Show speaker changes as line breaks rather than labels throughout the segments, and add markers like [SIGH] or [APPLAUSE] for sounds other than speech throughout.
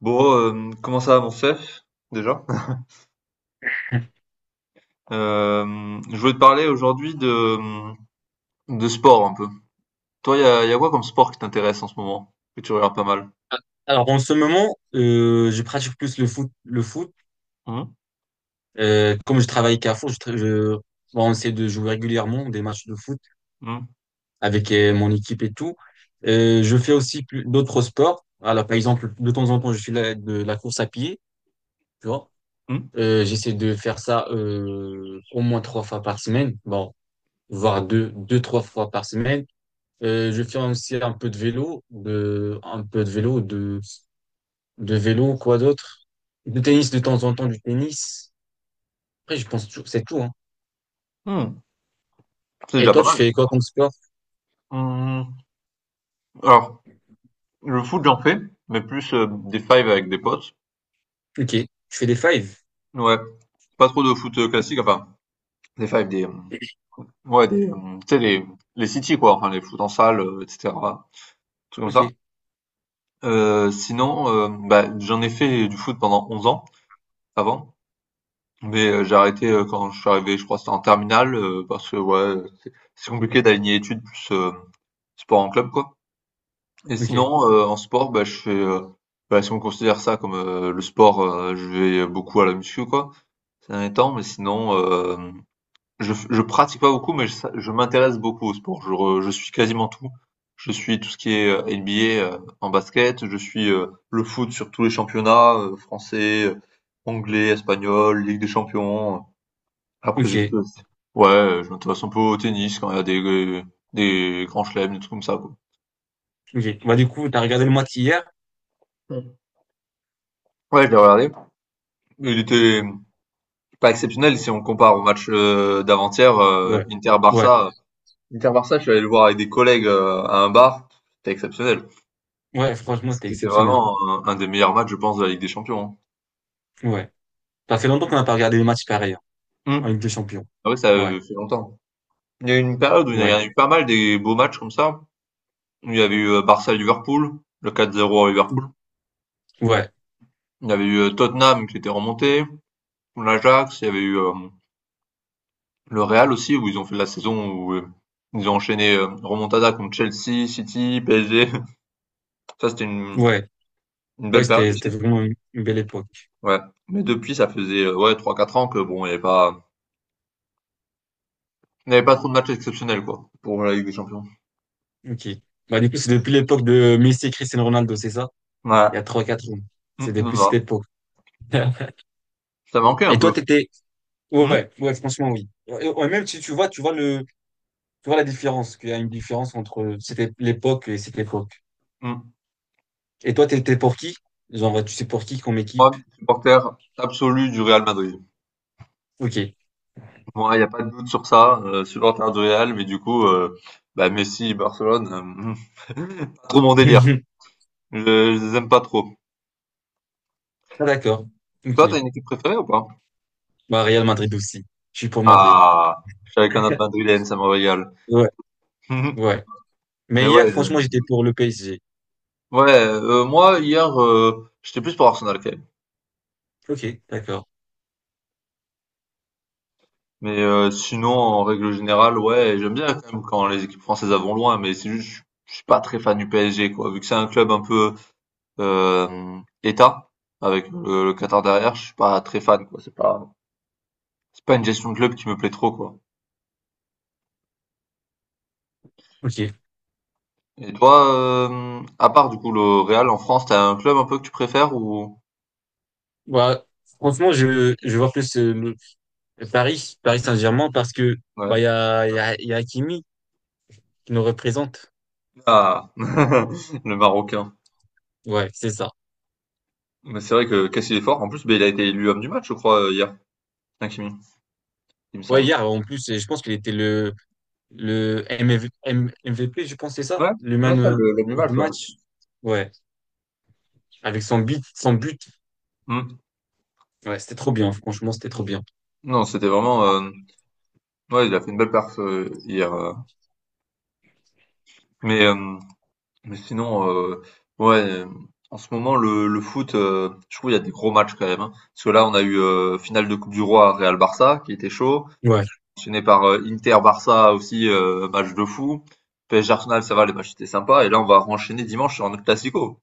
Bon, comment ça va mon chef, déjà? Je voulais te parler aujourd'hui de sport un peu. Toi, y a quoi comme sport qui t'intéresse en ce moment? Que tu regardes pas mal?
Alors, en ce moment, je pratique plus le foot. Le foot.
Hum,
Comme je travaille Carrefour, bon, on essaie de jouer régulièrement des matchs de foot
hum,
avec mon équipe et tout. Je fais aussi d'autres sports. Alors, par exemple, de temps en temps, je fais de la course à pied, tu vois.
hum,
J'essaie de faire ça au moins trois fois par semaine, bon, voire deux, deux, trois fois par semaine. Je fais aussi un peu de vélo, un peu de vélo, de vélo, quoi d'autre? De tennis de temps en temps, du tennis. Après, je pense toujours, c'est tout, hein.
hum. C'est
Et
déjà pas
toi, tu
mal.
fais quoi comme sport?
Hum. Alors, le foot, j'en fais, mais plus des fives avec des potes.
Ok. Tu fais des fives?
Ouais, pas trop de foot classique, enfin, des fives, des... Ouais, des... Tu sais, les city, quoi, enfin, les foot en salle, etc. Trucs comme ça.
Ok.
Bah, j'en ai fait du foot pendant 11 ans, avant. Mais, j'ai arrêté, quand je suis arrivé, je crois que c'était en terminale, parce que ouais, c'est compliqué d'aligner études plus, sport en club, quoi. Et
Ok.
sinon, en sport, bah, je fais, bah, si on considère ça comme, le sport, je vais beaucoup à la muscu, quoi, ces derniers temps. Mais sinon, hem, je pratique pas beaucoup, mais je m'intéresse beaucoup au sport. Je suis quasiment tout. Je suis tout ce qui est, NBA, en basket, je suis, le foot sur tous les championnats, français, anglais, espagnol, Ligue des champions, après
Ok.
je suis aussi ouais, je m'intéresse un peu au tennis quand il y a des grands chelems, des trucs comme ça quoi.
Ok. Bah, du coup, t'as regardé le match hier?
Mmh. Ouais, je l'ai regardé. Il était pas exceptionnel si on compare au match, d'avant-hier,
Ouais. Ouais.
Inter-Barça. Inter-Barça, je suis allé le voir avec des collègues, à un bar, c'était exceptionnel.
Ouais, franchement, c'était
C'était
exceptionnel,
vraiment un des meilleurs matchs je pense de la Ligue des Champions,
hein. Ouais. Ça fait longtemps qu'on n'a pas regardé le match pareil, hein,
hein.
en
Mmh.
Ligue des Champions.
Ah oui, ça,
Ouais.
fait longtemps. Il y a eu une période où il y
Ouais.
a eu pas mal des beaux matchs comme ça. Il y avait eu, Barça-Liverpool, le 4-0 à Liverpool.
Ouais.
Il y avait eu, Tottenham qui était remonté. L'Ajax, il y avait eu le Real aussi, où ils ont fait la saison où ils ont enchaîné remontada contre Chelsea, City, PSG. [LAUGHS] Ça,
Ouais.
une
Ouais,
belle période
c'était
aussi.
vraiment une belle époque.
Ouais. Mais depuis, ça faisait ouais, trois quatre ans que bon, il n'y avait pas trop de matchs exceptionnels, quoi, pour la Ligue des Champions.
Ok. Bah, du coup, c'est depuis l'époque de Messi et Cristiano Ronaldo, c'est ça?
Ouais.
Il y a trois quatre ans. C'est
Non,
depuis cette
non.
époque. [LAUGHS]
Ça manquait un
Et toi,
peu.
t'étais,
Mm,
ouais, ouais, franchement, oui. Et- ouais, même si tu vois, tu vois le, tu vois la différence, qu'il y a une différence entre l'époque et cette époque.
mm.
Et toi, t'étais pour qui? Genre, bah, tu sais pour qui comme
Moi,
équipe?
supporter absolu du Real Madrid.
Ok.
Moi, il n'y a pas de doute sur ça, supporter du Real, mais du coup, bah, Messi, Barcelone, pas trop mon délire.
[LAUGHS]
Je les aime pas trop.
Ah, d'accord.
Et
Ok.
toi, t'as une équipe préférée ou pas?
Bah, Real Madrid aussi. Je suis pour Madrid.
Ah, je suis avec un autre
[LAUGHS]
Madrilène, ça me régale.
Ouais,
[LAUGHS]
ouais.
Mais
Mais hier,
ouais,
franchement, j'étais pour le PSG.
ouais. Moi, hier, j'étais plus pour Arsenal quand même.
Ok, d'accord.
Mais sinon, en règle générale, ouais, j'aime bien quand même quand les équipes françaises vont loin. Mais c'est juste, je suis pas très fan du PSG, quoi. Vu que c'est un club un peu État avec le Qatar derrière, je suis pas très fan, quoi. C'est pas une gestion de club qui me plaît trop, quoi.
Ok.
Et toi, à part du coup le Real en France, t'as un club un peu que tu préfères ou?
Bah, franchement, je vois plus Paris Saint-Germain, parce que bah,
Ouais.
il y a Hakimi qui nous représente.
Ah, [LAUGHS] le Marocain.
Ouais, c'est ça.
Mais c'est vrai que Cassil est fort. En plus, ben, il a été élu homme du match, je crois, hier. Hakimi, il me
Ouais,
semble.
hier, en plus, et je pense qu'il était le M MV MVP, je pense, c'est ça?
Ouais,
Le
ouais
man
ça, l'homme du
of the
match, ouais.
match? Ouais, avec son but, son but.
Hmm.
Ouais, c'était trop bien, franchement, c'était trop bien.
Non, c'était vraiment. Ouais, il a fait une belle perf hier. Mais, euh, mais sinon, euh, ouais, euh, En ce moment, le foot, je trouve qu'il y a des gros matchs quand même. Hein. Parce que là, on a eu finale de Coupe du Roi Real-Barça, qui était chaud.
Ouais,
Enchaîné par Inter-Barça aussi, match de fou. PSG Arsenal, ça va, les matchs étaient sympas. Et là, on va enchaîner dimanche sur un autre Classico.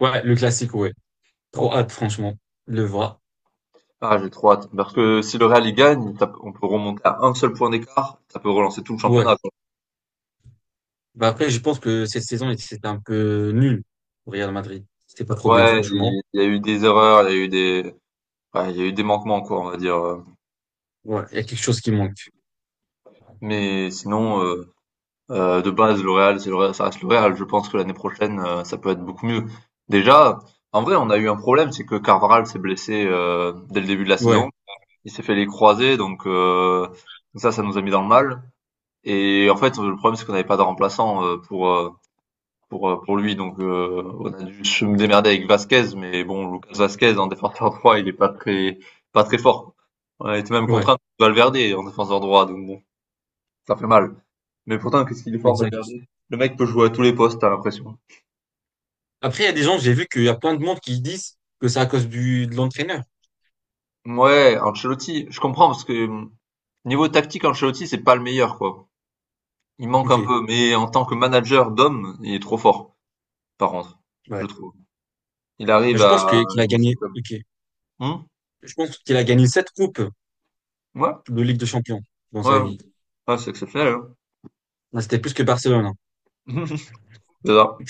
ouais, le classique, ouais. Trop hâte, franchement, de le voir.
Ah, j'ai trop hâte. Parce que si le Real il gagne, on peut remonter à un seul point d'écart, ça peut relancer tout le
Ouais.
championnat, quoi.
Bah après, je pense que cette saison, c'était un peu nul au Real Madrid. C'était pas trop bien,
Ouais,
franchement.
il y a eu des erreurs, il y a eu des, ouais, il y a eu des manquements, quoi, on va dire.
Ouais, il y a quelque chose qui manque.
Mais sinon, euh, de base, le Real, c'est le Real, ça reste le Real. Je pense que l'année prochaine, ça peut être beaucoup mieux. Déjà, en vrai, on a eu un problème, c'est que Carvajal s'est blessé dès le début de la saison.
Ouais,
Il s'est fait les croisés, donc ça nous a mis dans le mal. Et en fait, le problème, c'est qu'on n'avait pas de remplaçant pour lui. Donc, on a dû se démerder avec Vasquez, mais bon, Lucas Vasquez en défenseur droit, il est pas très, pas très fort. On a été même
ouais,
contraint de Valverde en défenseur droit, donc bon, ça fait mal. Mais pourtant, qu'est-ce qu'il est fort, Valverde?
exact.
Le mec peut jouer à tous les postes, t'as l'impression.
Après, il y a des gens, j'ai vu qu'il y a plein de monde qui disent que c'est à cause de l'entraîneur.
Ouais, Ancelotti, je comprends parce que niveau tactique, Ancelotti, c'est pas le meilleur, quoi. Il manque un
Ok.
peu, mais en tant que manager d'homme, il est trop fort, par contre,
Ouais.
je trouve. Il
Mais
arrive
je pense
à
qu'il a
jouer son
gagné.
club.
Ok.
Hum
Je pense qu'il a gagné sept coupes
Ouais,
de Ligue des Champions dans sa
ouais,
vie.
Ah, c'est exceptionnel, hein.
Là, c'était plus que Barcelone, hein.
[LAUGHS] C'est ça.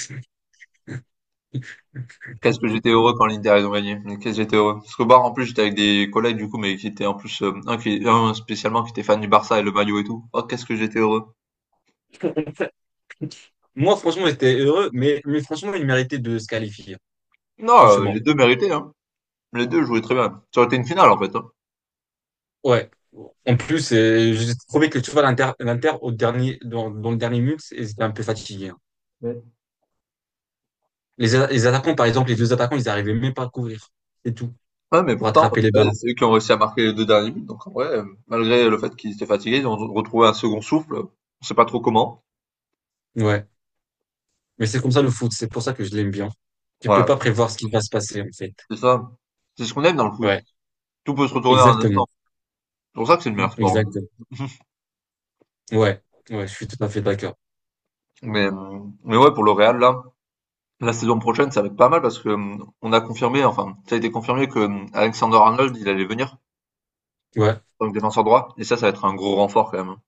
Qu'est-ce que j'étais heureux quand l'Inter ils ont gagné. Mais qu'est-ce que j'étais heureux. Parce qu'au bar, en plus, j'étais avec des collègues, du coup, mais qui étaient en plus, un spécialement qui était fan du Barça et le maillot et tout. Oh, qu'est-ce que j'étais heureux.
[LAUGHS] Moi, franchement, j'étais heureux, mais franchement, il méritait de se qualifier.
Non, les
Franchement.
deux méritaient, hein. Les deux jouaient très bien. Ça aurait été une finale, en fait, hein.
Ouais. En plus, j'ai trouvé que tu vois, l'Inter, dans le dernier minute, ils étaient un peu fatigués, hein.
Ouais.
Les attaquants, par exemple, les deux attaquants, ils n'arrivaient même pas à couvrir. C'est tout.
Ouais, mais
Pour
pourtant,
attraper les
ouais,
ballons.
c'est eux qui ont réussi à marquer les deux derniers buts. Donc, en vrai, malgré le fait qu'ils étaient fatigués, ils ont retrouvé un second souffle. On sait pas trop comment.
Ouais. Mais c'est comme ça le foot. C'est pour ça que je l'aime bien. Tu peux
Ouais,
pas prévoir ce qui va se passer, en fait.
c'est ça. C'est ce qu'on aime dans le foot.
Ouais.
Tout peut se retourner en un instant.
Exactement.
C'est pour ça que c'est le meilleur sport.
Exactement. Ouais, ouais, je suis tout à fait d'accord.
Mais, euh, mais ouais, pour le Real, là, la saison prochaine, ça va être pas mal parce que, on a confirmé, enfin, ça a été confirmé que, Alexander-Arnold, il allait venir
Ouais,
en tant que défenseur droit et ça va être un gros renfort quand même, hein.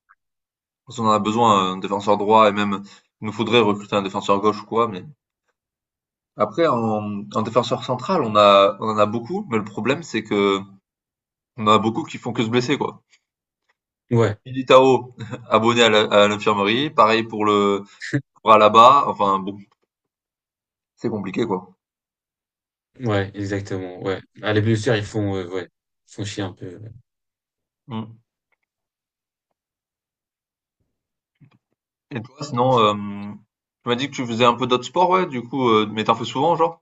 Parce qu'on en a besoin, un défenseur droit et même il nous faudrait recruter un défenseur gauche ou quoi, mais après en défenseur central, on en a beaucoup, mais le problème, c'est que on en a beaucoup qui font que se blesser, quoi.
ouais,
Militao, [LAUGHS] abonné à l'infirmerie, pareil pour le pour Alaba, enfin bon, c'est compliqué, quoi.
ouais, exactement. Ouais. Ah, les blessures, ils font, ouais, ils font chier un peu, ouais.
Mmh. Et toi, sinon, tu m'as dit que tu faisais un peu d'autres sports, ouais, du coup, mais t'en fais souvent, genre?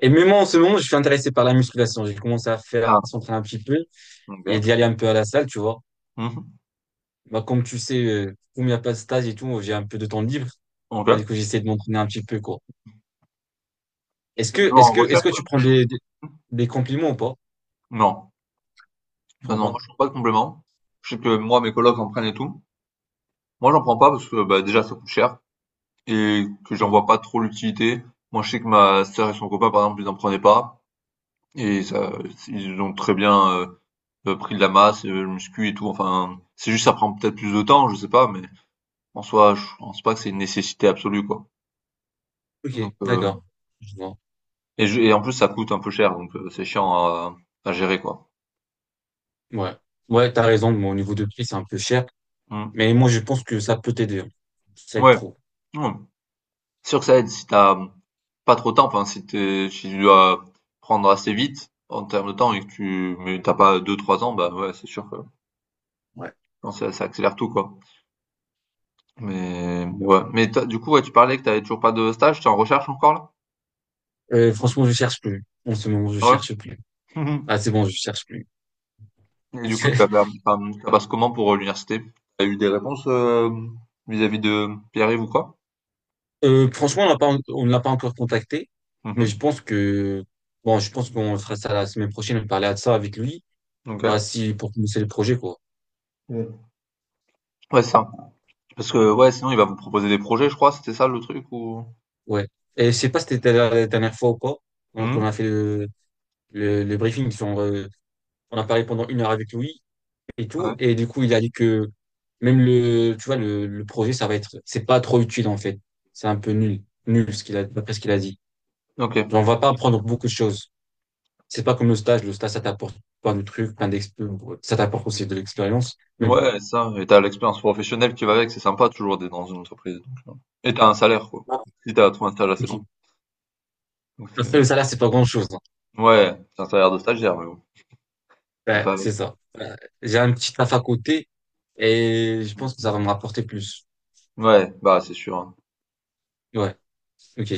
Et même moi, en ce moment, je suis intéressé par la musculation. J'ai commencé à faire, à
Ah,
s'entraîner un petit peu et
ok.
d'y aller un peu à la salle, tu vois.
Mhm.
Bah, comme tu sais, comme il n'y a pas de stage et tout, j'ai un peu de temps libre. Bah, du
Ok.
coup, j'essaie de m'entraîner un petit peu, quoi.
T'es toujours en
Est-ce
recherche,
que tu
ouais?
prends des compliments ou pas?
Non.
Je
Non,
prends
non, moi,
pas.
je prends pas de compléments. Je sais que moi, mes colocs en prennent et tout. Moi, j'en prends pas parce que, bah, déjà, ça coûte cher et que j'en
Ok,
vois pas trop l'utilité. Moi, je sais que ma sœur et son copain, par exemple, ils en prenaient pas et ça, ils ont très bien pris de la masse, le muscu et tout. Enfin, c'est juste, ça prend peut-être plus de temps, je sais pas, mais en soi, je pense pas que c'est une nécessité absolue, quoi.
ok,
Donc,
d'accord. Je vois.
Et en plus, ça coûte un peu cher, donc c'est chiant à gérer, quoi.
Ouais. Ouais, t'as raison. Mon niveau de prix, c'est un peu cher.
Mmh.
Mais moi, je pense que ça peut t'aider, hein. Ça aide
Ouais,
trop.
ouais. C'est sûr que ça aide si t'as pas trop de temps, enfin, si tu dois prendre assez vite en termes de temps et que tu mais tu pas deux trois ans, bah, ouais, c'est sûr que
Ouais.
non, ça accélère tout, quoi. Mais ouais. Mais tu du coup, ouais, tu parlais que t'avais toujours pas de stage, t'es en recherche encore, là?
Franchement, je cherche plus. En ce moment, je
Ouais.
cherche plus.
[LAUGHS] Mmh.
Ah, c'est bon, je cherche plus.
Et du coup, tu vas
[LAUGHS]
faire, ça passe comment pour, l'université? T'as eu des réponses, vis-à-vis de Pierre-Yves ou quoi?
Franchement, on ne l'a pas encore contacté,
Mmh
mais je
mh.
pense que, bon, je pense qu'on fera ça la semaine prochaine, parler de ça avec lui, bah,
OK.
si, pour commencer le projet, quoi.
Mmh. Ouais, c'est ça. Parce que ouais, sinon il va vous proposer des projets, je crois, c'était ça le truc ou?
Ouais. Et je sais pas si c'était la dernière fois ou pas,
Hmm.
qu'on a fait le briefing, on a parlé pendant une heure avec lui et
Ouais.
tout, et du coup, il a dit que même tu vois, le projet, ça va être, c'est pas trop utile, en fait. C'est un peu nul, nul, ce qu'il a, d'après ce qu'il a dit.
OK.
Genre, on va pas apprendre beaucoup de choses. C'est pas comme le stage. Le stage, ça t'apporte plein de trucs, plein d'expériences. Ça t'apporte aussi de l'expérience. Mais bon.
Ouais, ça, et t'as l'expérience professionnelle qui va avec, c'est sympa toujours d'être dans une entreprise donc, et t'as un salaire quoi.
Ah,
Si t'as as trouvé un stage assez long.
ok.
Donc
Parce que
c'est
le salaire, c'est pas grand-chose, hein.
ouais, c'est un salaire de stagiaire mais bon, on
Ouais,
fait avec.
c'est ça. Ouais. J'ai un petit taf à côté et je pense que ça va me rapporter plus.
Ouais, bah, c'est sûr, hein.
Ouais. Ok.